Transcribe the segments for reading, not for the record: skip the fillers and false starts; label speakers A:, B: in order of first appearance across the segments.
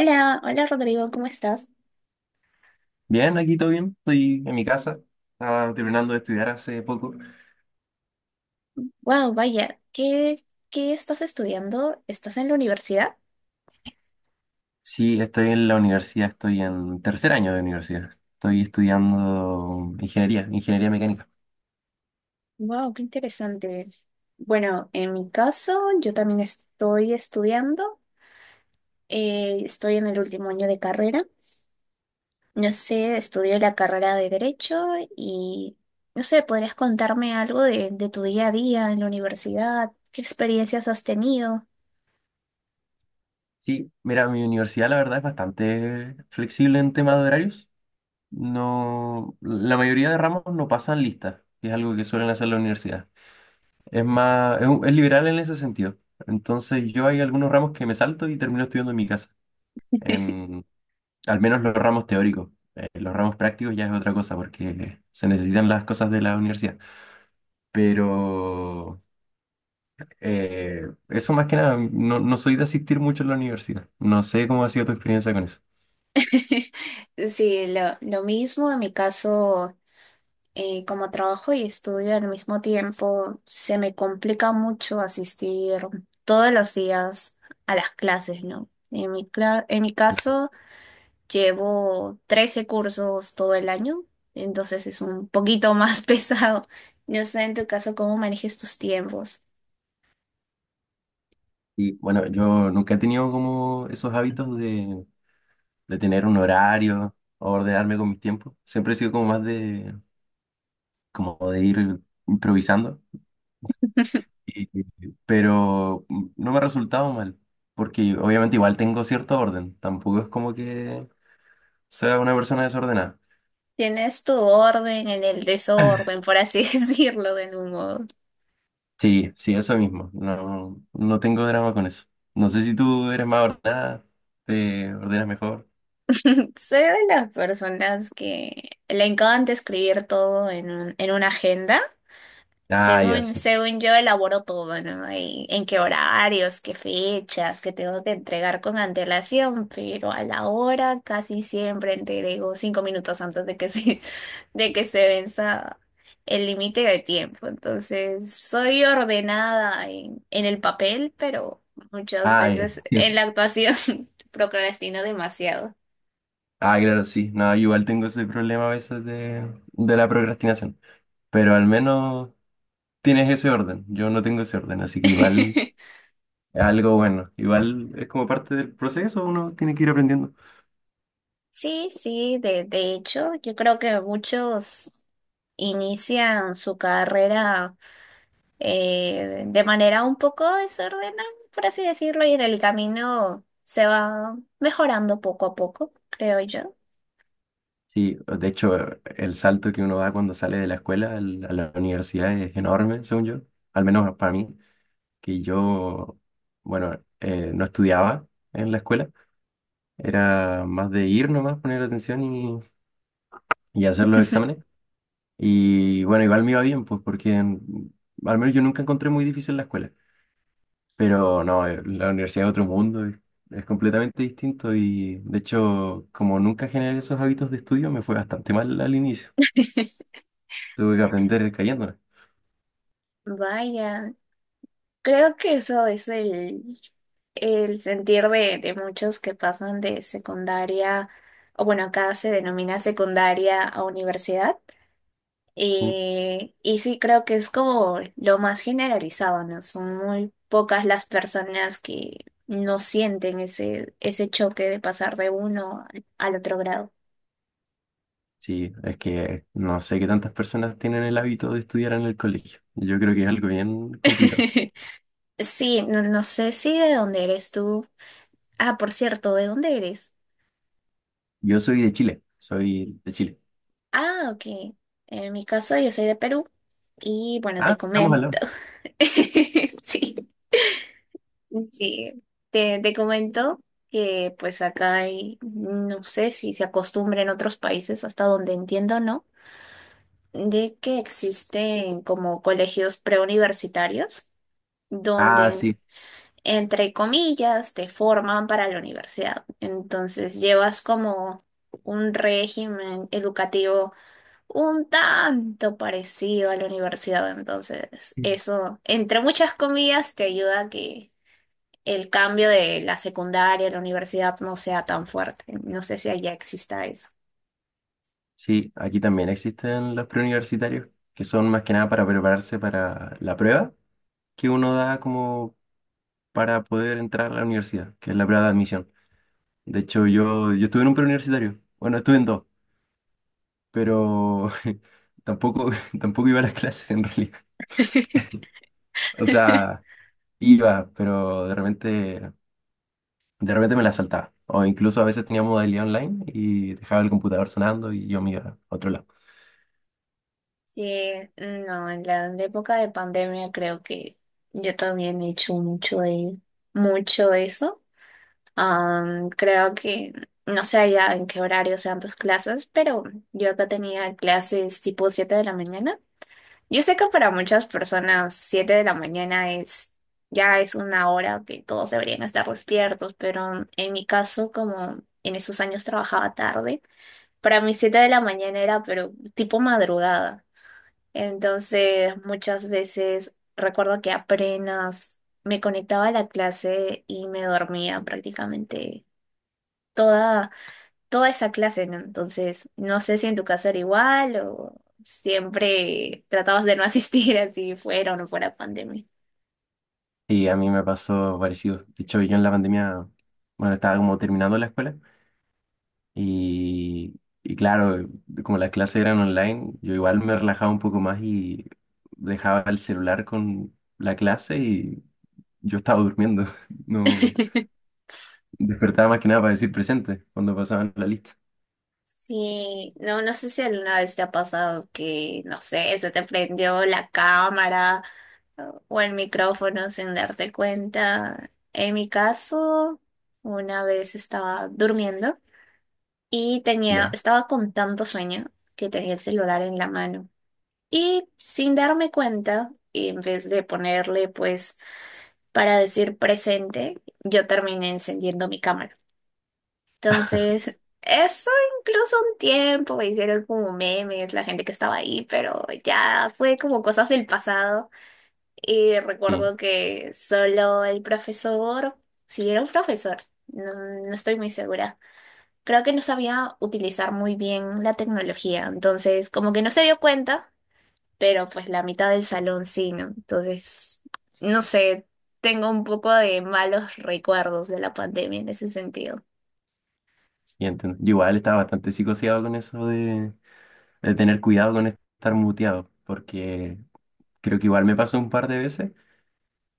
A: Hola, hola Rodrigo, ¿cómo estás?
B: Bien, aquí todo bien. Estoy en mi casa. Estaba terminando de estudiar hace poco.
A: Wow, vaya, ¿qué estás estudiando? ¿Estás en la universidad?
B: Sí, estoy en la universidad. Estoy en tercer año de universidad. Estoy estudiando ingeniería, ingeniería mecánica.
A: Wow, qué interesante. Bueno, en mi caso, yo también estoy estudiando. Estoy en el último año de carrera. No sé, estudio la carrera de Derecho y no sé, ¿podrías contarme algo de tu día a día en la universidad? ¿Qué experiencias has tenido?
B: Sí, mira, mi universidad la verdad es bastante flexible en temas de horarios. No, la mayoría de ramos no pasan listas, que es algo que suelen hacer la universidad. Es más, es liberal en ese sentido. Entonces yo hay algunos ramos que me salto y termino estudiando en mi casa. Al menos los ramos teóricos. Los ramos prácticos ya es otra cosa porque se necesitan las cosas de la universidad. Pero eso más que nada, no soy de asistir mucho a la universidad. No sé cómo ha sido tu experiencia con eso.
A: Sí, lo mismo en mi caso. Como trabajo y estudio al mismo tiempo, se me complica mucho asistir todos los días a las clases, ¿no? En mi caso, llevo 13 cursos todo el año, entonces es un poquito más pesado. No sé en tu caso cómo manejes tus tiempos.
B: Y bueno, yo nunca he tenido como esos hábitos de tener un horario o ordenarme con mis tiempos. Siempre he sido como más de, como de ir improvisando. Y- pero no me ha resultado mal. Porque obviamente igual tengo cierto orden. Tampoco es como que sea una persona desordenada.
A: Tienes tu orden en el desorden, por así decirlo, de algún modo.
B: Sí, sí, eso mismo. No, no tengo drama con eso. No sé si tú eres más ordenada, te ordenas mejor.
A: Soy de las personas que le encanta escribir todo en en una agenda.
B: Ah, ya, sí.
A: Según yo elaboro todo, ¿no? Y en qué horarios, qué fechas, que tengo que entregar con antelación, pero a la hora casi siempre entrego 5 minutos antes de de que se venza el límite de tiempo. Entonces, soy ordenada en el papel, pero muchas
B: Ah, ya.
A: veces en la actuación procrastino demasiado.
B: Ah, claro, sí. No, igual tengo ese problema a veces de la procrastinación. Pero al menos tienes ese orden. Yo no tengo ese orden, así que igual es algo bueno. Igual es como parte del proceso, uno tiene que ir aprendiendo.
A: Sí, sí, de hecho, yo creo que muchos inician su carrera de manera un poco desordenada, por así decirlo, y en el camino se va mejorando poco a poco, creo yo.
B: Sí, de hecho, el salto que uno da cuando sale de la escuela al- a la universidad es enorme, según yo. Al menos para mí. Que yo, bueno, no estudiaba en la escuela, era más de ir nomás, poner atención y hacer los exámenes. Y bueno, igual me iba bien, pues al menos yo nunca encontré muy difícil la escuela, pero no, la universidad es otro mundo, es completamente distinto y de hecho, como nunca generé esos hábitos de estudio, me fue bastante mal al inicio, tuve que aprender cayéndome.
A: Vaya, creo que eso es el sentir de muchos que pasan de secundaria, o bueno, acá se denomina secundaria a universidad.
B: Sí,
A: Y sí, creo que es como lo más generalizado, ¿no? Son muy pocas las personas que no sienten ese choque de pasar de uno al otro grado.
B: Sí, es que no sé qué tantas personas tienen el hábito de estudiar en el colegio. Yo creo que es algo bien complicado.
A: Sí, no, no sé si de dónde eres tú. Ah, por cierto, ¿de dónde eres?
B: Yo soy de Chile, soy de Chile.
A: Ah, ok. En mi caso, yo soy de Perú y bueno, te
B: Ah, estamos al
A: comento.
B: lado.
A: Sí. Sí, te comento que pues acá hay, no sé si se acostumbra en otros países, hasta donde entiendo, ¿no? De que existen como colegios preuniversitarios
B: Ah,
A: donde,
B: sí,
A: entre comillas, te forman para la universidad. Entonces llevas como un régimen educativo un tanto parecido a la universidad. Entonces
B: sí.
A: eso, entre muchas comillas, te ayuda a que el cambio de la secundaria a la universidad no sea tan fuerte. No sé si allá exista eso.
B: Sí, aquí también existen los preuniversitarios, que son más que nada para prepararse para la prueba que uno da como para poder entrar a la universidad, que es la prueba de admisión. De hecho, yo estuve en un preuniversitario, bueno, estuve en dos, pero tampoco, tampoco iba a las clases en realidad. O sea, iba, pero de repente me la saltaba. O incluso a veces tenía modalidad online y dejaba el computador sonando y yo me iba a otro lado.
A: Sí, no, en en la época de pandemia creo que yo también he hecho mucho, mucho eso. Am, creo que no sé ya en qué horario sean tus clases, pero yo acá tenía clases tipo 7 de la mañana. Yo sé que para muchas personas 7 de la mañana es ya es una hora que todos deberían estar despiertos, pero en mi caso, como en esos años trabajaba tarde, para mí 7 de la mañana era pero tipo madrugada. Entonces, muchas veces recuerdo que apenas me conectaba a la clase y me dormía prácticamente toda toda esa clase, ¿no? Entonces, no sé si en tu caso era igual o siempre tratabas de no asistir así fuera o no fuera pandemia.
B: Y a mí me pasó parecido. De hecho, yo en la pandemia, bueno, estaba como terminando la escuela y claro, como las clases eran online, yo igual me relajaba un poco más y dejaba el celular con la clase y yo estaba durmiendo. No despertaba más que nada para decir presente cuando pasaban la lista.
A: Sí, no, no sé si alguna vez te ha pasado que, no sé, se te prendió la cámara o el micrófono sin darte cuenta. En mi caso, una vez estaba durmiendo y
B: Ya,
A: estaba con tanto sueño que tenía el celular en la mano. Y sin darme cuenta, en vez de ponerle pues para decir presente, yo terminé encendiendo mi cámara. Entonces, eso incluso un tiempo me hicieron como memes la gente que estaba ahí, pero ya fue como cosas del pasado. Y
B: sí,
A: recuerdo que solo el profesor, si era un profesor, no, no estoy muy segura. Creo que no sabía utilizar muy bien la tecnología, entonces como que no se dio cuenta, pero pues la mitad del salón sí, ¿no? Entonces, no sé, tengo un poco de malos recuerdos de la pandemia en ese sentido.
B: y entiendo. Yo igual estaba bastante psicoseado con eso de tener cuidado con estar muteado, porque creo que igual me pasó un par de veces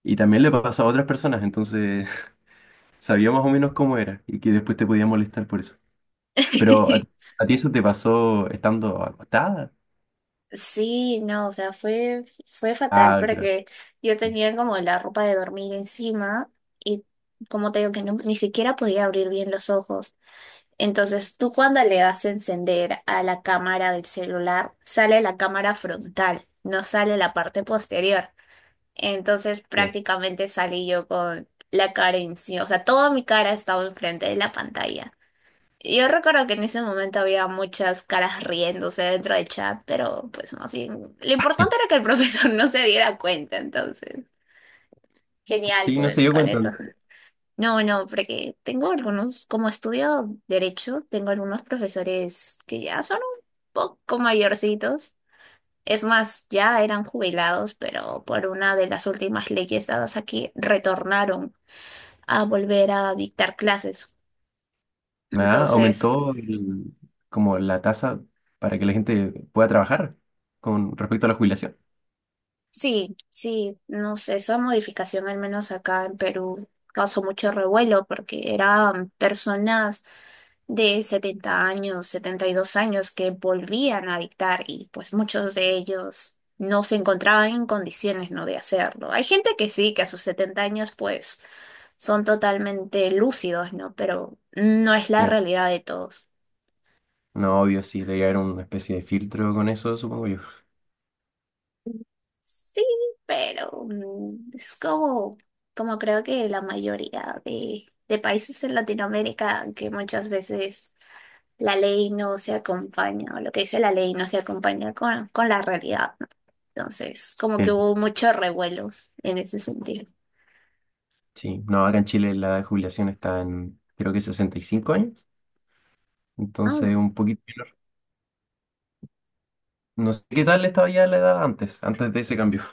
B: y también le pasó a otras personas, entonces sabía más o menos cómo era y que después te podía molestar por eso. Pero a ti eso te pasó estando acostada.
A: Sí, no, o sea, fue fatal
B: Ah, claro.
A: porque yo tenía como la ropa de dormir encima y como te digo que ni siquiera podía abrir bien los ojos. Entonces, tú cuando le das a encender a la cámara del celular, sale la cámara frontal, no sale la parte posterior. Entonces
B: Sí,
A: prácticamente salí yo con la cara encima, o sea, toda mi cara estaba enfrente de la pantalla. Yo recuerdo que en ese momento había muchas caras riéndose dentro del chat, pero pues más bien, lo importante era que el profesor no se diera cuenta, entonces, genial
B: sí, no se dio
A: con
B: cuenta,
A: eso.
B: ¿no?
A: No, no, porque tengo algunos, como estudio derecho, tengo algunos profesores que ya son un poco mayorcitos. Es más, ya eran jubilados, pero por una de las últimas leyes dadas aquí, retornaron a volver a dictar clases.
B: Ah,
A: Entonces,
B: Como la tasa para que la gente pueda trabajar con respecto a la jubilación.
A: sí, sí, no sé, esa modificación al menos acá en Perú causó mucho revuelo porque eran personas de 70 años, 72 años que volvían a dictar y pues muchos de ellos no se encontraban en condiciones, ¿no? De hacerlo. Hay gente que sí, que a sus 70 años pues son totalmente lúcidos, ¿no? Pero no es la
B: Sí.
A: realidad de todos.
B: No, obvio, sí, debe haber una especie de filtro con eso, supongo yo.
A: Sí, pero es como, como creo que la mayoría de países en Latinoamérica, que muchas veces la ley no se acompaña, o lo que dice la ley no se acompaña con la realidad, ¿no? Entonces, como que
B: Sí.
A: hubo mucho revuelo en ese sentido.
B: Sí, no, acá en Chile la jubilación está en, creo que 65 años,
A: Ah,
B: entonces un poquito menor. No sé qué tal estaba ya la edad antes, antes de ese cambio.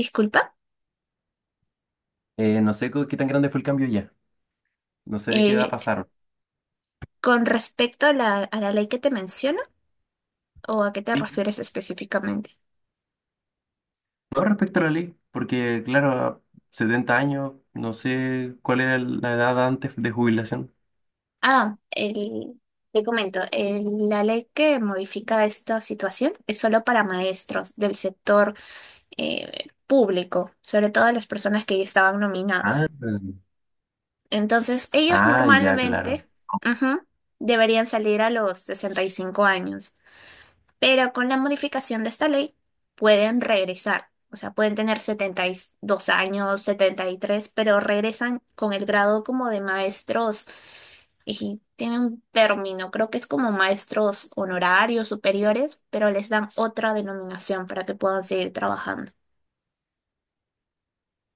A: disculpa,
B: No sé co- qué tan grande fue el cambio ya, no sé de qué edad
A: eh,
B: pasaron.
A: con respecto a a la ley que te menciono, ¿o a qué te
B: Sí,
A: refieres específicamente?
B: no respecto a la ley, porque claro, 70 años, no sé cuál era la edad antes de jubilación.
A: Ah, te comento, la ley que modifica esta situación es solo para maestros del sector público, sobre todo las personas que ya estaban
B: Ah,
A: nominadas. Entonces, ellos
B: ah, ya, claro.
A: normalmente, ujú, deberían salir a los 65 años, pero con la modificación de esta ley pueden regresar. O sea, pueden tener 72 años, 73, pero regresan con el grado como de maestros y tiene un término, creo que es como maestros honorarios superiores, pero les dan otra denominación para que puedan seguir trabajando.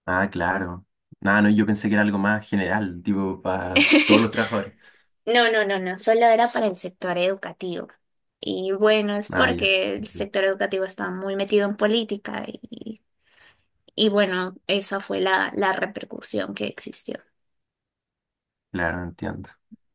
B: Ah, claro. Ah, no, yo pensé que era algo más general, tipo para todos los trabajadores.
A: No, no, no, no, solo era para el sector educativo. Y bueno, es
B: Ah, ya.
A: porque el sector educativo está muy metido en política y bueno, esa fue la repercusión que existió.
B: Claro, entiendo.